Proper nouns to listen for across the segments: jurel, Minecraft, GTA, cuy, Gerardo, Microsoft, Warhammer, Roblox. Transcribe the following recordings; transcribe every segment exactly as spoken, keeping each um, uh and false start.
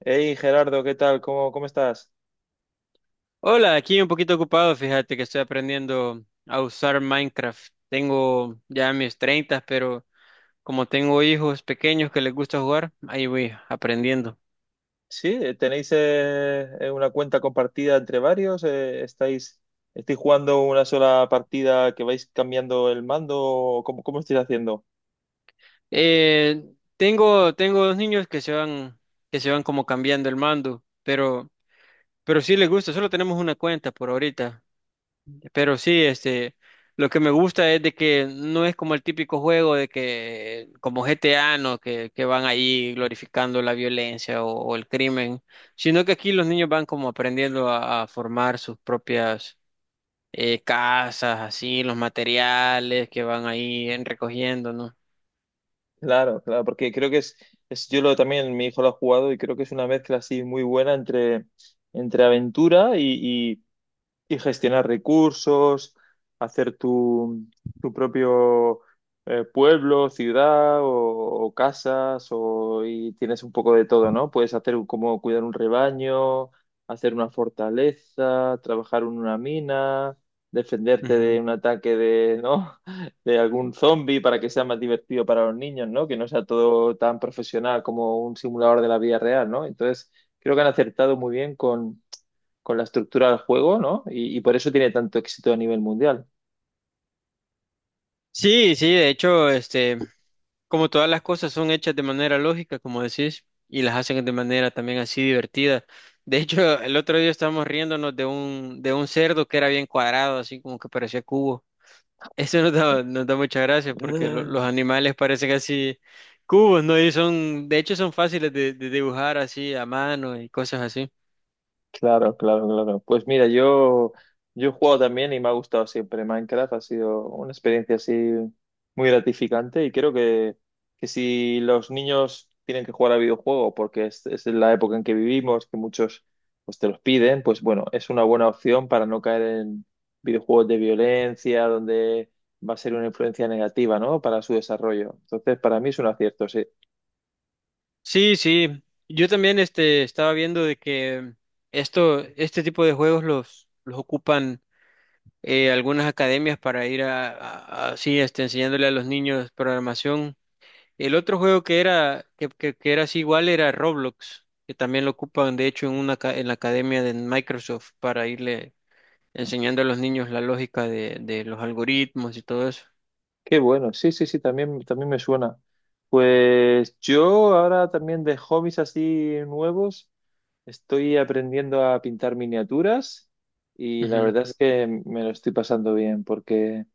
Hey Gerardo, ¿qué tal? ¿Cómo, cómo estás? Hola, aquí un poquito ocupado, fíjate que estoy aprendiendo a usar Minecraft. Tengo ya mis treinta, pero como tengo hijos pequeños que les gusta jugar, ahí voy aprendiendo. Sí, eh, tenéis eh, eh, una cuenta compartida entre varios. Eh, ¿estáis, estáis jugando una sola partida que vais cambiando el mando? ¿O ¿Cómo, cómo estáis haciendo? Eh, tengo, tengo dos niños que se van, que se van como cambiando el mando, pero, pero sí les gusta, solo tenemos una cuenta por ahorita. Pero sí, este, lo que me gusta es de que no es como el típico juego de que, como G T A, ¿no? Que, que van ahí glorificando la violencia o, o el crimen, sino que aquí los niños van como aprendiendo a, a formar sus propias eh, casas, así, los materiales que van ahí en- recogiendo, no. Claro, claro, porque creo que es, es yo lo, también mi hijo lo ha jugado y creo que es una mezcla así muy buena entre, entre aventura y, y- y gestionar recursos, hacer tu, tu propio eh, pueblo, ciudad o, o casas, o, y tienes un poco de todo, ¿no? Puedes hacer un- como cuidar un rebaño, hacer una fortaleza, trabajar en una mina, defenderte de un ataque de, ¿no? de algún zombie para que sea más divertido para los niños, ¿no? Que no sea todo tan profesional como un simulador de la vida real, ¿no? Entonces, creo que han acertado muy bien con la estructura del juego, ¿no? Y, y por eso tiene tanto éxito a nivel mundial. Sí, sí, de hecho, este, como todas las cosas son hechas de manera lógica, como decís, y las hacen de manera también así divertida. De hecho, el otro día estábamos riéndonos de un, de un cerdo que era bien cuadrado, así como que parecía cubo. Eso nos da, nos da mucha gracia porque lo- los Mm. animales parecen así cubos, ¿no? Y son, de hecho, son fáciles de, de dibujar así a mano y cosas así. Claro, claro, claro. Pues mira, yo, yo he jugado también y me ha gustado siempre Minecraft. Ha sido una experiencia así muy gratificante y creo que, que si los niños tienen que jugar a videojuegos porque es, es la época en que vivimos, que muchos pues, te los piden, pues bueno, es una buena opción para no caer en videojuegos de violencia, donde va a ser una influencia negativa, ¿no? Para su desarrollo. Entonces, para mí es un acierto, sí. Sí, sí. Yo también, este, estaba viendo de que esto, este tipo de juegos los, los ocupan eh, algunas academias para ir a, a- a- así este, enseñándole a los niños programación. El otro juego que era, que, que- que era así igual era Roblox, que también lo ocupan de hecho en una aca- en la academia de Microsoft para irle enseñando a los niños la lógica de, de los algoritmos y todo eso. Qué bueno, sí, sí, sí, también, también me suena. Pues yo ahora también de hobbies así nuevos estoy aprendiendo a pintar miniaturas y la Ujú, verdad es que me lo estoy pasando bien porque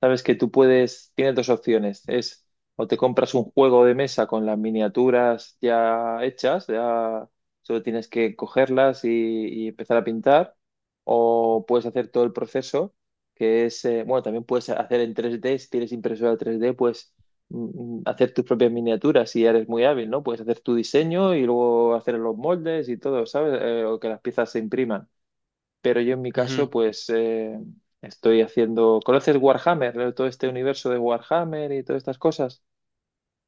sabes que tú puedes, tienes dos opciones. Es o te compras un juego de mesa con las miniaturas ya hechas, ya solo tienes que cogerlas y, y empezar a pintar, o puedes hacer todo el proceso, que es, eh, bueno, también puedes hacer en tres D, si tienes impresora tres D, pues mm, mm, hacer tus propias miniaturas si eres muy hábil, ¿no? Puedes hacer tu diseño y luego hacer los moldes y todo, ¿sabes? Eh, o que las piezas se impriman. Pero yo en mi ujú. caso, pues eh, estoy haciendo. ¿Conoces Warhammer? Todo este universo de Warhammer y todas estas cosas.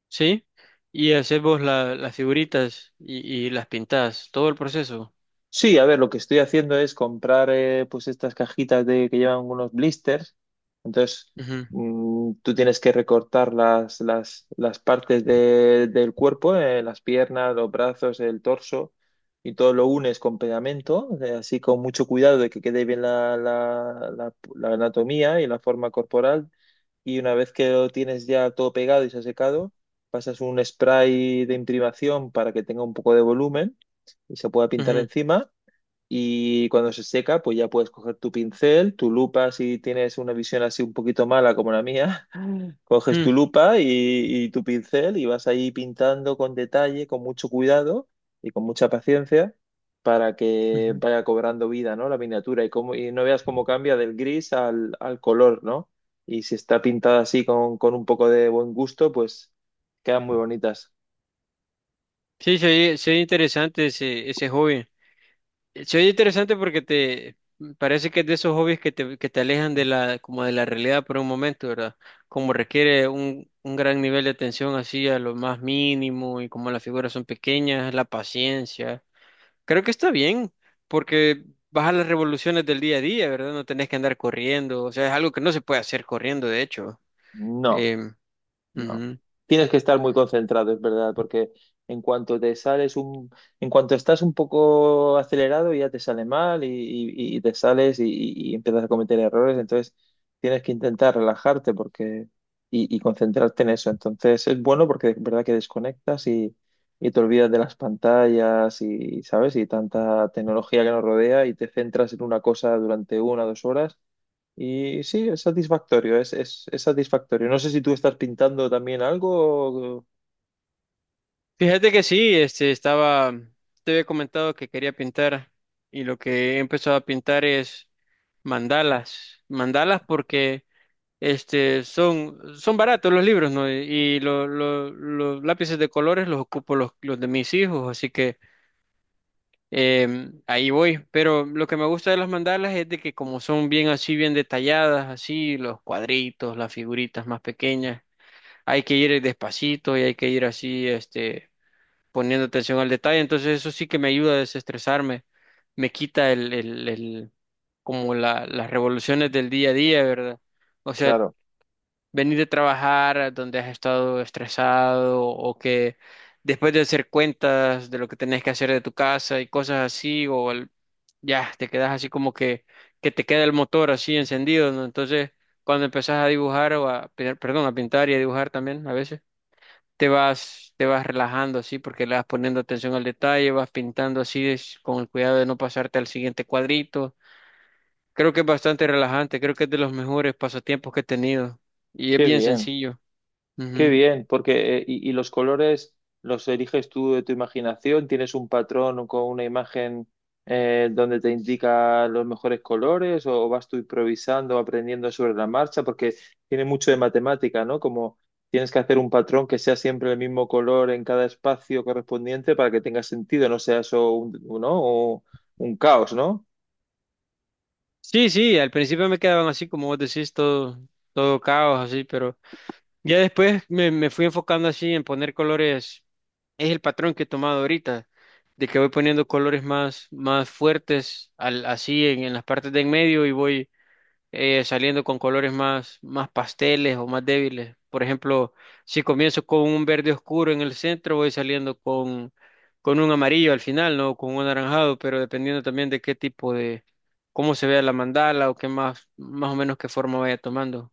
¿Sí? Y hacemos la- las figuritas y, y las pintadas, todo el proceso. Sí, a ver, lo que estoy haciendo es comprar eh, pues estas cajitas de, que llevan unos blisters. Entonces, Ujú, mm, tú tienes que recortar las, las, las partes de- del cuerpo, eh, las piernas, los brazos, el torso, y todo lo unes con pegamento, eh, así con mucho cuidado de que quede bien la, la, la, la anatomía y la forma corporal. Y una vez que lo tienes ya todo pegado y se ha secado, pasas un spray de imprimación para que tenga un poco de volumen y se pueda pintar ujú, encima y cuando se seca, pues ya puedes coger tu pincel, tu lupa, si tienes una visión así un poquito mala como la mía, coges ujú, tu lupa y, y tu pincel y vas ahí pintando con detalle, con mucho cuidado y con mucha paciencia para que ujú. vaya cobrando vida, ¿no? La miniatura y, cómo- y no veas cómo cambia del gris al, al color, ¿no? Y si está pintada así con, con un poco de buen gusto, pues quedan muy bonitas. Sí, se oye interesante ese, ese hobby. Eh, Se oye interesante porque te mm, parece que es de esos hobbies que te, que te alejan de la, como de la realidad por un momento, ¿verdad? Como requiere un, un gran nivel de atención así a lo más mínimo y como las figuras son pequeñas, la paciencia. Creo que está bien porque baja las revoluciones del día a día, ¿verdad? No tenés que andar corriendo, o sea, es algo que no se puede hacer corriendo, de hecho. No. Em, No. ujú. Tienes que estar muy concentrado, es verdad, porque en cuanto te sales un, en cuanto estás un poco acelerado, ya te sale mal y, y- y te sales y, y- y empiezas a cometer errores. Entonces tienes que intentar relajarte porque y, y concentrarte en eso. Entonces es bueno porque es verdad que desconectas y, y te olvidas de las pantallas y, ¿sabes? Y tanta tecnología que nos rodea y te centras en una cosa durante una o dos horas y sí, es satisfactorio, es, es, es satisfactorio. No sé si tú estás pintando también algo. O- Fíjate que sí, este estaba, te había comentado que quería pintar y lo que he empezado a pintar es mandalas, mandalas porque este son son baratos los libros, ¿no? Y lo- lo- los lápices de colores los ocupo los, los de mis hijos, así que em, ahí voy. Pero lo que me gusta de las mandalas es de que como son bien así, bien detalladas, así los cuadritos, las figuritas más pequeñas, hay que ir despacito y hay que ir así, este poniendo atención al detalle, entonces eso sí que me ayuda a desestresarme, me quita el, el, el como la, las revoluciones del día a día, ¿verdad? O sea, Claro, venir de trabajar donde has estado estresado o que después de hacer cuentas de lo que tenés que hacer de tu casa y cosas así, o el- ya te quedas así como que, que te queda el motor así encendido, ¿no? Entonces, cuando empezás a dibujar o a, pe- perdón, a pintar y a dibujar también a veces te vas, te vas relajando así porque le vas poniendo atención al detalle, vas pintando así es- con el cuidado de no pasarte al siguiente cuadrito. Creo que es bastante relajante, creo que es de los mejores pasatiempos que he tenido y es qué bien bien, sencillo. qué Ujú. bien, porque eh, y, y los colores los eliges tú de tu imaginación, tienes un patrón con una imagen eh, donde te indica los mejores colores o vas tú improvisando, aprendiendo sobre la marcha, porque tiene mucho de matemática, ¿no? Como tienes que hacer un patrón que sea siempre el mismo color en cada espacio correspondiente para que tenga sentido, no sea eso un, ¿no? O un caos, ¿no? Sí, sí, al principio me quedaban así como vos decís, todo, todo caos así, pero ya después me, me fui enfocando así en poner colores. Es el patrón que he tomado ahorita, de que voy poniendo colores más, más fuertes al, así en, en las partes de en medio y voy eh, saliendo con colores más, más pasteles o más débiles. Por ejemplo, si comienzo con un verde oscuro en el centro, voy saliendo con, con un amarillo al final, ¿no? Con un anaranjado, pero dependiendo también de qué tipo de, cómo se vea la mandala o qué más, más o menos qué forma vaya tomando.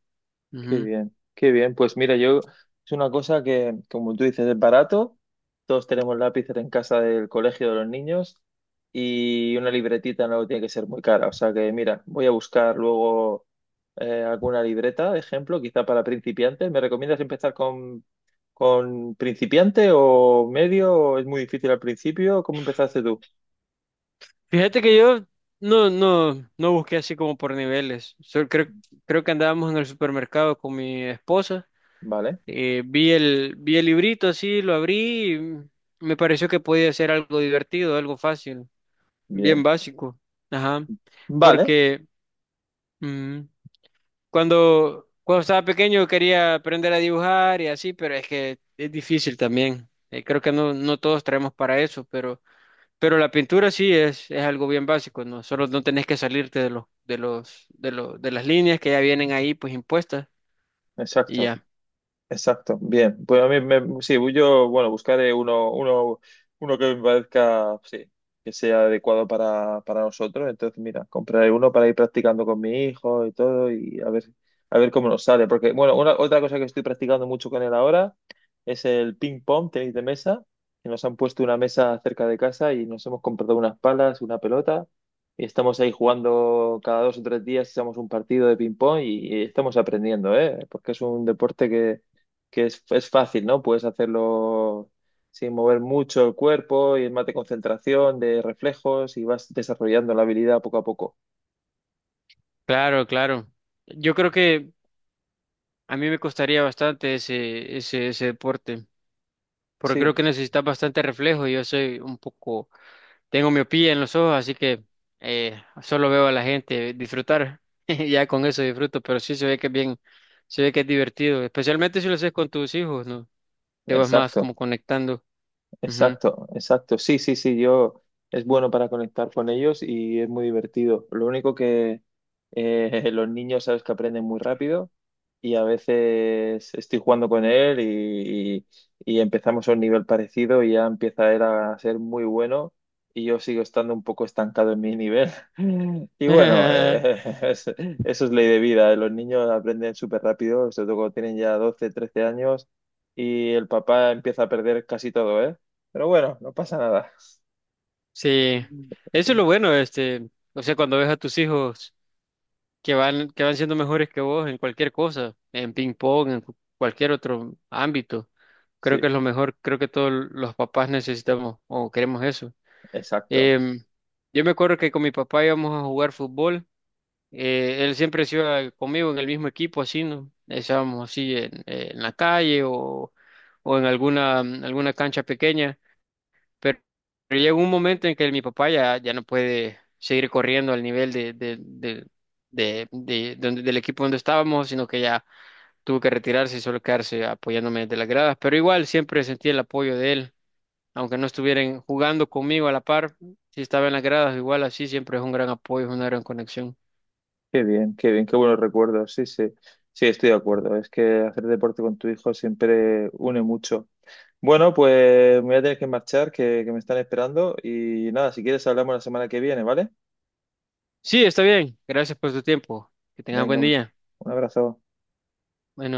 Qué Ujú. bien, qué bien. Pues mira, yo es una cosa que, como tú dices, es barato. Todos tenemos lápices en casa del colegio de los niños y una libretita no tiene que ser muy cara. O sea que mira, voy a buscar luego eh, alguna libreta, de ejemplo, quizá para principiantes. ¿Me recomiendas empezar con, con principiante o medio? ¿O ¿Es muy difícil al principio? ¿Cómo empezaste tú? Fíjate que yo no, no, no busqué así como por niveles. Solo creo, creo que andábamos en el supermercado con mi esposa. Vale, Eh, vi el, vi el librito así, lo abrí y me pareció que podía ser algo divertido, algo fácil, bien bien. básico. Ajá. Vale, Porque mm, cuando, cuando estaba pequeño quería aprender a dibujar y así, pero es que es difícil también. Eh, creo que no, no todos traemos para eso, pero, pero la pintura sí es, es algo bien básico, ¿no? Solo no tenés que salirte de los, de los, de los, de las líneas que ya vienen ahí pues impuestas y exacto. ya. Exacto, bien. Pues a mí me, sí, yo, bueno, buscaré uno, uno, uno que me parezca, sí, que sea adecuado para, para nosotros. Entonces, mira, compraré uno para ir practicando con mi hijo y todo y a ver, a ver cómo nos sale. Porque, bueno, una, otra cosa que estoy practicando mucho con él ahora es el ping pong, tenis de mesa, que nos han puesto una mesa cerca de casa y nos hemos comprado unas palas, una pelota. Y estamos ahí jugando cada dos o tres días, echamos un partido de ping pong y, y estamos aprendiendo, ¿eh? Porque es un deporte que, que es, es fácil, ¿no? Puedes hacerlo sin mover mucho el cuerpo y es más de concentración, de reflejos y vas desarrollando la habilidad poco a poco. Claro, claro. Yo creo que a mí me costaría bastante ese, ese, ese deporte, porque Sí, creo que necesitas bastante reflejo. Yo soy un poco, tengo miopía en los ojos, así que eh, solo veo a la gente disfrutar. Ya con eso disfruto, pero sí se ve que es bien, se ve que es divertido, especialmente si lo haces con tus hijos, ¿no? Te vas más exacto. como conectando. Ujú. Exacto, exacto. Sí, sí, sí, yo es bueno para conectar con ellos y es muy divertido. Lo único que eh, los niños sabes que aprenden muy rápido y a veces estoy jugando con él y, y y empezamos a un nivel parecido y ya empieza él a ser muy bueno y yo sigo estando un poco estancado en mi nivel. Y bueno, eh, es- eso es ley de vida. Eh. Los niños aprenden súper rápido, sobre todo cuando tienen ya doce, trece años y el papá empieza a perder casi todo, eh. Pero bueno, no pasa nada. Sí, eso es lo bueno, este, o sea, cuando ves a tus hijos que van, que van siendo mejores que vos en cualquier cosa, en ping pong, en cu- cualquier otro ámbito. Creo que Sí, es lo mejor, creo que todos los papás necesitamos o queremos eso. exacto. Em, yo me acuerdo que con mi papá íbamos a jugar fútbol, eh, él siempre se iba conmigo en el mismo equipo, así, ¿no? Estábamos así en, en la calle o, o en alguna, alguna cancha pequeña. Pero, pero llega un momento en que mi papá ya, ya no puede seguir corriendo al nivel de, de, de, de, de- donde- del equipo donde estábamos, sino que ya tuvo que retirarse y solo quedarse apoyándome desde las gradas. Pero igual siempre sentí el apoyo de él, aunque no estuvieran jugando conmigo a la par, si estaba en las gradas, igual así siempre es un gran apoyo, es una gran conexión. Qué bien, qué bien, qué buenos recuerdos. Sí, sí, sí, estoy de acuerdo. Es que hacer deporte con tu hijo siempre une mucho. Bueno, pues me voy a tener que marchar, que, que me están esperando. Y nada, si quieres hablamos la semana que viene, ¿vale? Sí, está bien. Gracias por tu tiempo. Que tengas Venga, buen un día. un abrazo. Buenas.